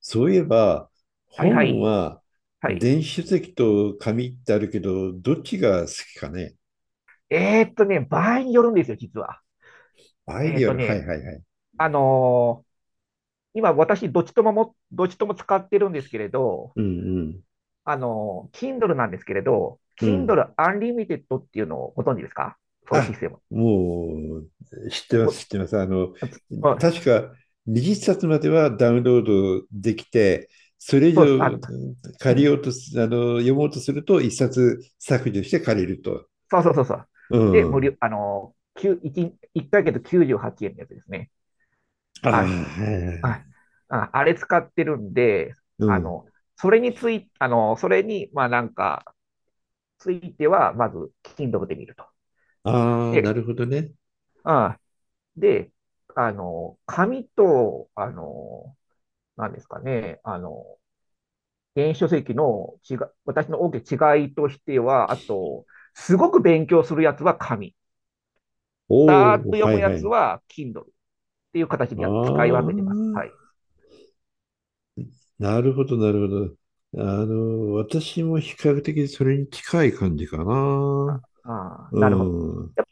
そういえば、はいは本い。ははい。電子書籍と紙ってあるけど、どっちが好きかね。場合によるんですよ、実は。アイえーデっィアとル、はいね、はいはい。あのー今私、どっちとも使ってるんですけれど、うんKindle なんですけれど、うん。うん。Kindle Unlimited っていうのをご存知ですか？そういうあ、システム。もう、知ってまもす、知うってます。あの、あつあ確か20冊まではダウンロードできて、それ以そうです。上う借りん。ようとす、あの、読もうとすると1冊削除して借りると。そうそうそうそう。うで、無ん。料、きゅう一ヶ月98円のやつですね。ああ、あ、はいはいはあ、い。あれ使ってるんで、うあん。の、それに、ついては、まず、Kindle で見ると。ああ、なで、るほどね。あで、あの、紙と、あの、なんですかね、あの、電子書籍の違い、私の大きな違いとしては、あと、すごく勉強するやつは紙。だーっおとお、読はむいやはつい。は Kindle っていう形であ使い分あ、けてます。はい。なるほど、なるほど。あの、私も比較的それに近い感じかあな。あうなるほど。ん。やっ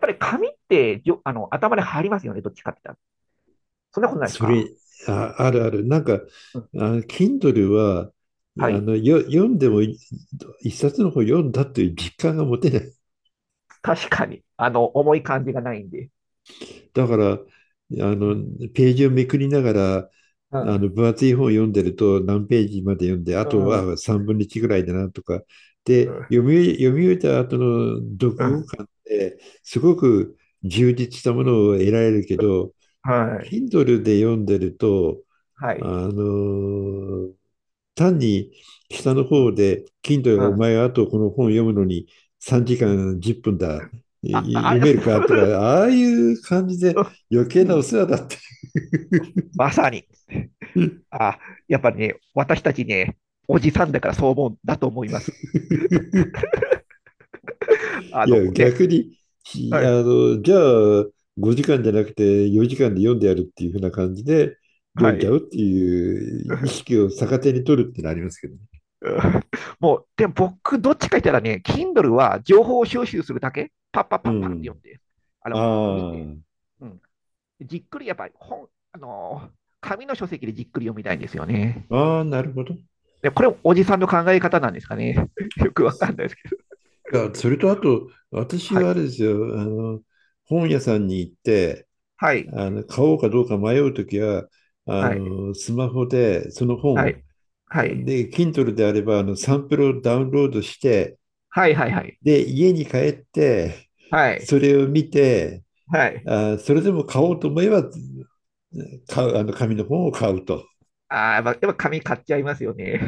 ぱり紙ってあの頭に入りますよね、どっちかって言ったら。そんなことないですそれ、か？あ、あるある。なんか、うん、あの、Kindle は、はい。読んでもい一冊の本読んだという実感が持てない。確かに。あの、重い感じがないんで。だから、あうの、ん。ページをめくりながら、うあんの分厚い本を読んでると何ページまで読んで、あうとん、うん、は3分の1ぐらいだなとか、で、読み終えた後の読う後ん、感ってすごく充実したものを得られるけど、はい、Kindle で読んでると、はあい、のー単に下のう方ん、で、Kindle がうおん、前はあとこの本読むのに3時間10分だ、あ、あ読れ、めするかとか、る。ああいう感じで余計うなおん、世話だっていまさに。う。 あ、やっぱりね、私たちね、おじさんだからそう思うんだと思います。あいのや、ね、逆に、ひはあい、の、じゃあ、5時間じゃなくて4時間で読んでやるっていうふな感じで、読はんじゃうっい。ていう意 識を逆手に取るってのありますけどね。うん、もう、でも僕、どっちか言ったらね、Kindle は情報を収集するだけ、パッパッうパッパって読ん。んで、あの、見て、あうん、じっくりやっぱり本、あの紙の書籍でじっくり読みたいんですよね。あ、ああ、なるほど。いで、これ、おじさんの考え方なんですかね。よくわかんないですけど。や、それとあと、私ははあい。れですよ。あの、本屋さんに行って、はい。あの、買おうかどうか迷うときは、あはい。の、スマホでそのは本、い。はい。で、Kindle であれば、あの、サンプルをダウンロードして、はい。はい。はい。で、家に帰って、はい。それを見て、はい。あ、それでも買おうと思えば、買う、あの紙の本を買うと。ああ、やっぱ紙買っちゃいますよね。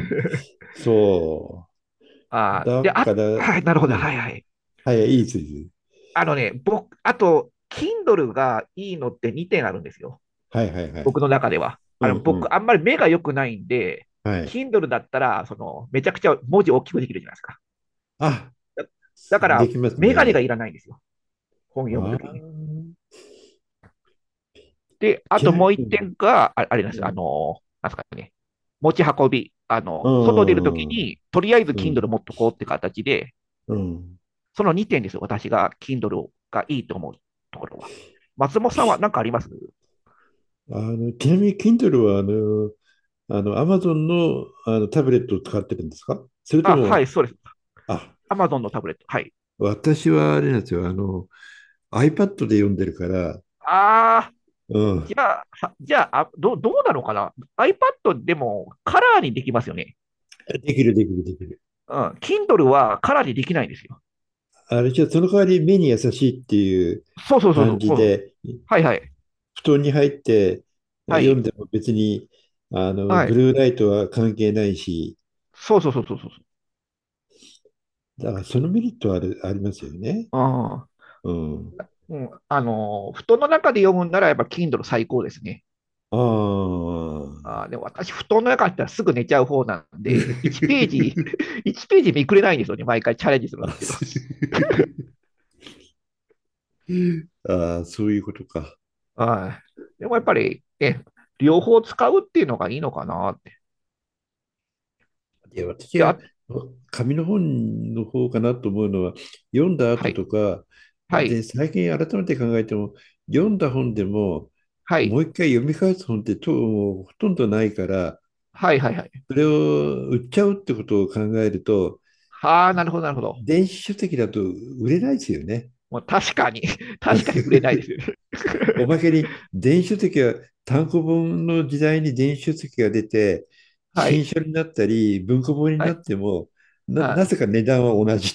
そ う。ああ、だで、あ、から、はい、なるほうど。はん。い。はい。はい、いい筋。あのね、僕、あと、Kindle がいいのって2点あるんですよ。はいはいはい。僕の中では。うあんの、う僕、ん。あんまり目が良くないんで、はい。Kindle だったら、その、めちゃくちゃ文字大きくできるじゃないですか。あ、だ、だかでら、きますメガネがね。いらないんですよ。本読むあときに。あ、で、あちとなみもう一に、点が、あれなんでうすよ、あん、の、なんですかね、持ち運び。あうの、外出るときん、うん、に、とりあえず う Kindle ん。持っとこうって形で、うん。その2点ですよ、私が Kindle がいいと思うところは。松本さんは何かあります？あの、ちなみに Kindle は、あの、あの、Amazon の、あのタブレットを使ってるんですかそれとあ、はも、い、そうです。あ、Amazon のタブレット。はい。私はあれなんですよ。あの、iPad で読んでるから、あー、うじん、ゃあ、じゃあ、どうなのかな？ iPad でもカラーにできますよね。できるできるできる。うん。Kindle はカラーにできないんですよ。あれじゃその代わり目に優しいっていうそうそうそうそ感う。じそう、で、はいはい。布団に入っては読んい。でも別に、あの、はブい。ルーライトは関係ないし、そうそうそうそうそう。だからそのメリットはある、ありますよね。ああ。うん。うん、あの、布団の中で読むんならやっぱ Kindle 最高ですね。ああ。あー、でも私、布団の中だったらすぐ寝ちゃう方なんで、1ページ、1ページ見くれないんですよね。毎回チャレンジするんあ、ですけど。す あーそういうことか。はい。でもやっぱり、ね、両方使うっていうのがいいのかなって。いや、私で、はあ、紙の本の方かなと思うのは、読んだは後い、とか、はで、い、最近改めて考えても、読んだ本でも、はもい、う一回読み返す本ってともうほとんどないから、はい、はい、はい。それを売っちゃうってことを考えると、はあ、なるほど、なるほど。電子書籍だと売れないですよね。もう確かに、確かに売れないです よね。おまけに電子書籍は単行本の時代に電子書籍が出て、は新い、書になったり文庫本にはない、ってもはない。ぜか値段は同じ。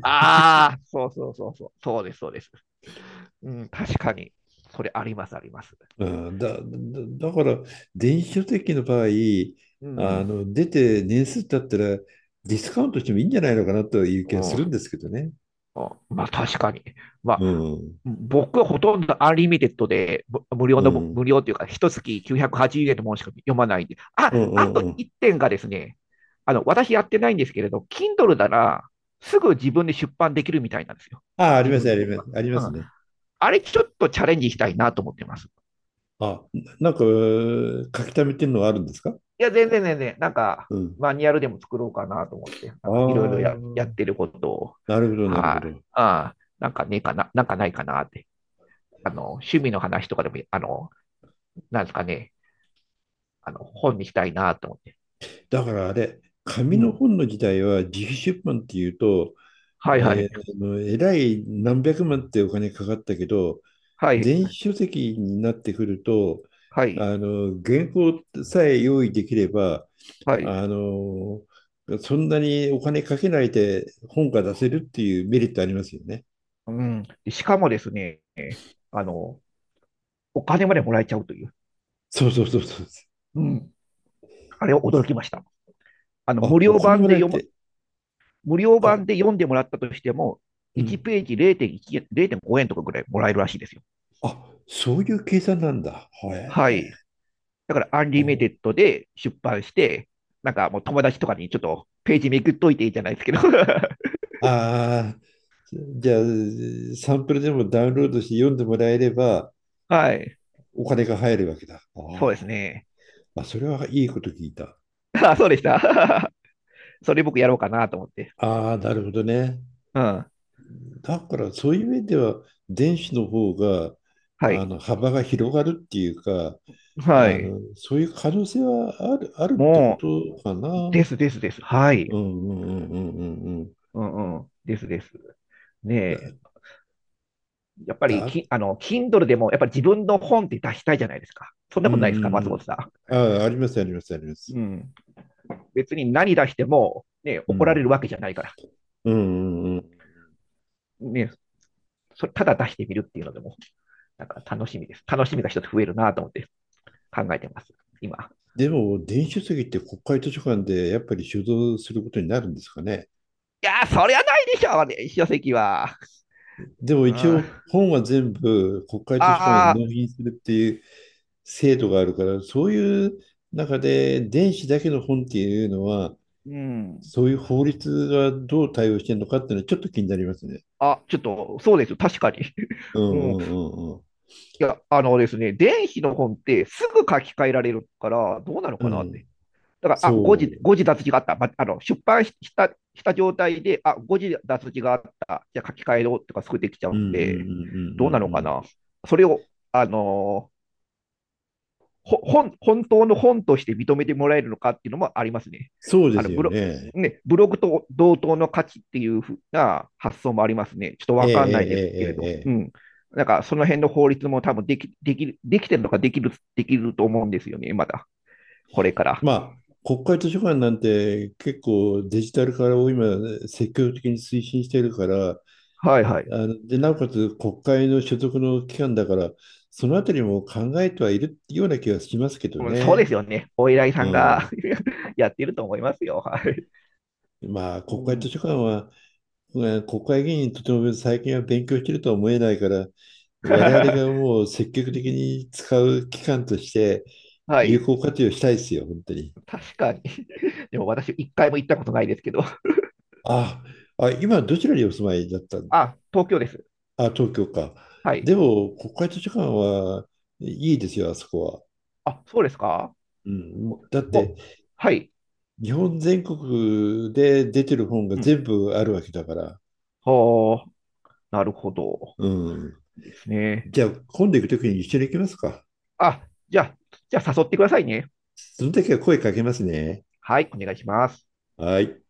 ああ、そうそうそうそう。そうです、そうです。うん、確かに。それあります、あります。うん、だ、だ、だから電子書籍の場合うあん。の出て年数経ったらディスカウントしてもいいんじゃないのかなという気うがするんん、ですけどね。まあ、確かに。まうあ、ん、うん、僕はほとんどアンリミテッドで、う無ん、料というか、一月980円のものしか読まないんで。うあ、ん、あとうん。1点がですね、あの、私やってないんですけれど、Kindle なら、すぐ自分で出版できるみたいなんですよ。ああ、あり自ま分す、あでり本ます、が。ありまうすん。ね。あれちょっとチャレンジしたいなと思ってます。あ、なんか書き溜めてるのがあるんですか。いや、全然全然、なんか、うん。マニュアルでも作ろうかなと思って、あなんかいろいろやっあ、てることを、なるほど、なるほはい。ど。ああ、なんかねえかな、なんかないかなって。あの、趣味の話とかでも、あの、なんですかね、あの、本にしたいなと思って。だからあれ、紙うのん。本の時代は自費出版っていうと、はいはえい。ー、あのえらい何百万ってお金かかったけど、はい。電子書籍になってくると、はい。あの、原稿さえ用意できれば、はい。あの、そんなにお金かけないで本が出せるっていうメリットありますよね。うん。でしかもですね、あの、お金までもらえちゃうという。そうそうそうそう。うん。あれを驚きました。あの、あ、お金もらえて、無料あ、版で読んでもらったとしても、う1ん。ページ0.1、0.5円とかぐらいもらえるらしいですよ。あ、そういう計算なんだ。へえ。はい。だから、アンリミテッドで出版して、なんかもう友達とかにちょっとページめくっといていいじゃないですけど。ああー、じゃあ、サンプルでもダウンロードして読んでもらえれば、はい。お金が入るわけだ。あそうですー、ね。あ、それはいいこと聞いた。あ、そうでした。それ僕やろうかなと思って。ああ、なるほどね。うん。だからそういう面では電子の方がはあい。の幅が広がるっていうかはあい。のそういう可能性はある、あるってこもとかな。う、うでんすですです。はい。うんうんうんうんうん。うんうん。ですです。ねだ、え。やっぱりだ、き、あの、Kindle でも、やっぱり自分の本って出したいじゃないですか。そんうなんことないですか、松うんうん。本さあ、ありますありますありまん？す。うん。別に何出しても、ね、う怒らん。れるわけじゃないから。うんうんうん。ね、それただ出してみるっていうのでも、なんか楽しみです。楽しみが一つ増えるなと思って考えてます、今。でも電子書籍って国会図書館でやっぱり収蔵することになるんですかね。いやー、そりゃないでしょうね、書籍は。でもうん。一あ応本は全部国会図書館にあ、納品するっていう制度があるから、そういう中で電子だけの本っていうのは、うん。そういう法律がどう対応してるのかっていうのはちょっと気になりますね。あ、ちょっと、そうです、確かに。うんうん。うんうんいや、あのですね、電子の本ってすぐ書き換えられるから、どうなのうん。かうなっん。て。だから、あ、そう。誤字脱字があった。あの、出版した、した状態で、あ、誤字脱字があった。じゃあ書き換えろとかすぐできちゃうんううんうんんうんうで、どうなのんかうん。な。それを、あのー本、本当の本として認めてもらえるのかっていうのもありますね。そうであのすブよロ、ね。ね、ブログと同等の価値っていうふうな発想もありますね。ちょっとええわえかんないですけれええど。ええうえ。ん。なんか、その辺の法律も多分できると思うんですよね、まだ。これから。まあ、国会図書館なんて結構デジタル化を今積極的に推進してるから、はいはい。あの、で、なおかつ国会の所属の機関だから、そのあたりも考えてはいるような気がしますけどうんそうでね。すよね。お依頼さうんが ん。やっていると思いますよ。はい。まあ、う国会図ん、書館は、うん、国会議員にとても最近は勉強してるとは思えないから、我々が もう積極的に使う機関としては有い。効活用したいですよ、本当に。確かに。でも私、一回も行ったことないですけど。あ、あ、今どちらにお住まいだったの。あ、東京です。あ、東京か。はでい。も、国会図書館はいいですよ、あそこは。あ、そうですか。うん、だって、もう、はい。日本全国で出てる本がう全ん。部あるわけだから。はあ、なるほど。うん。ですね。じゃあ、今度行くときに一緒に行きますか。あ、じゃあ誘ってくださいね。その時は声かけますね。はい、お願いします。はい。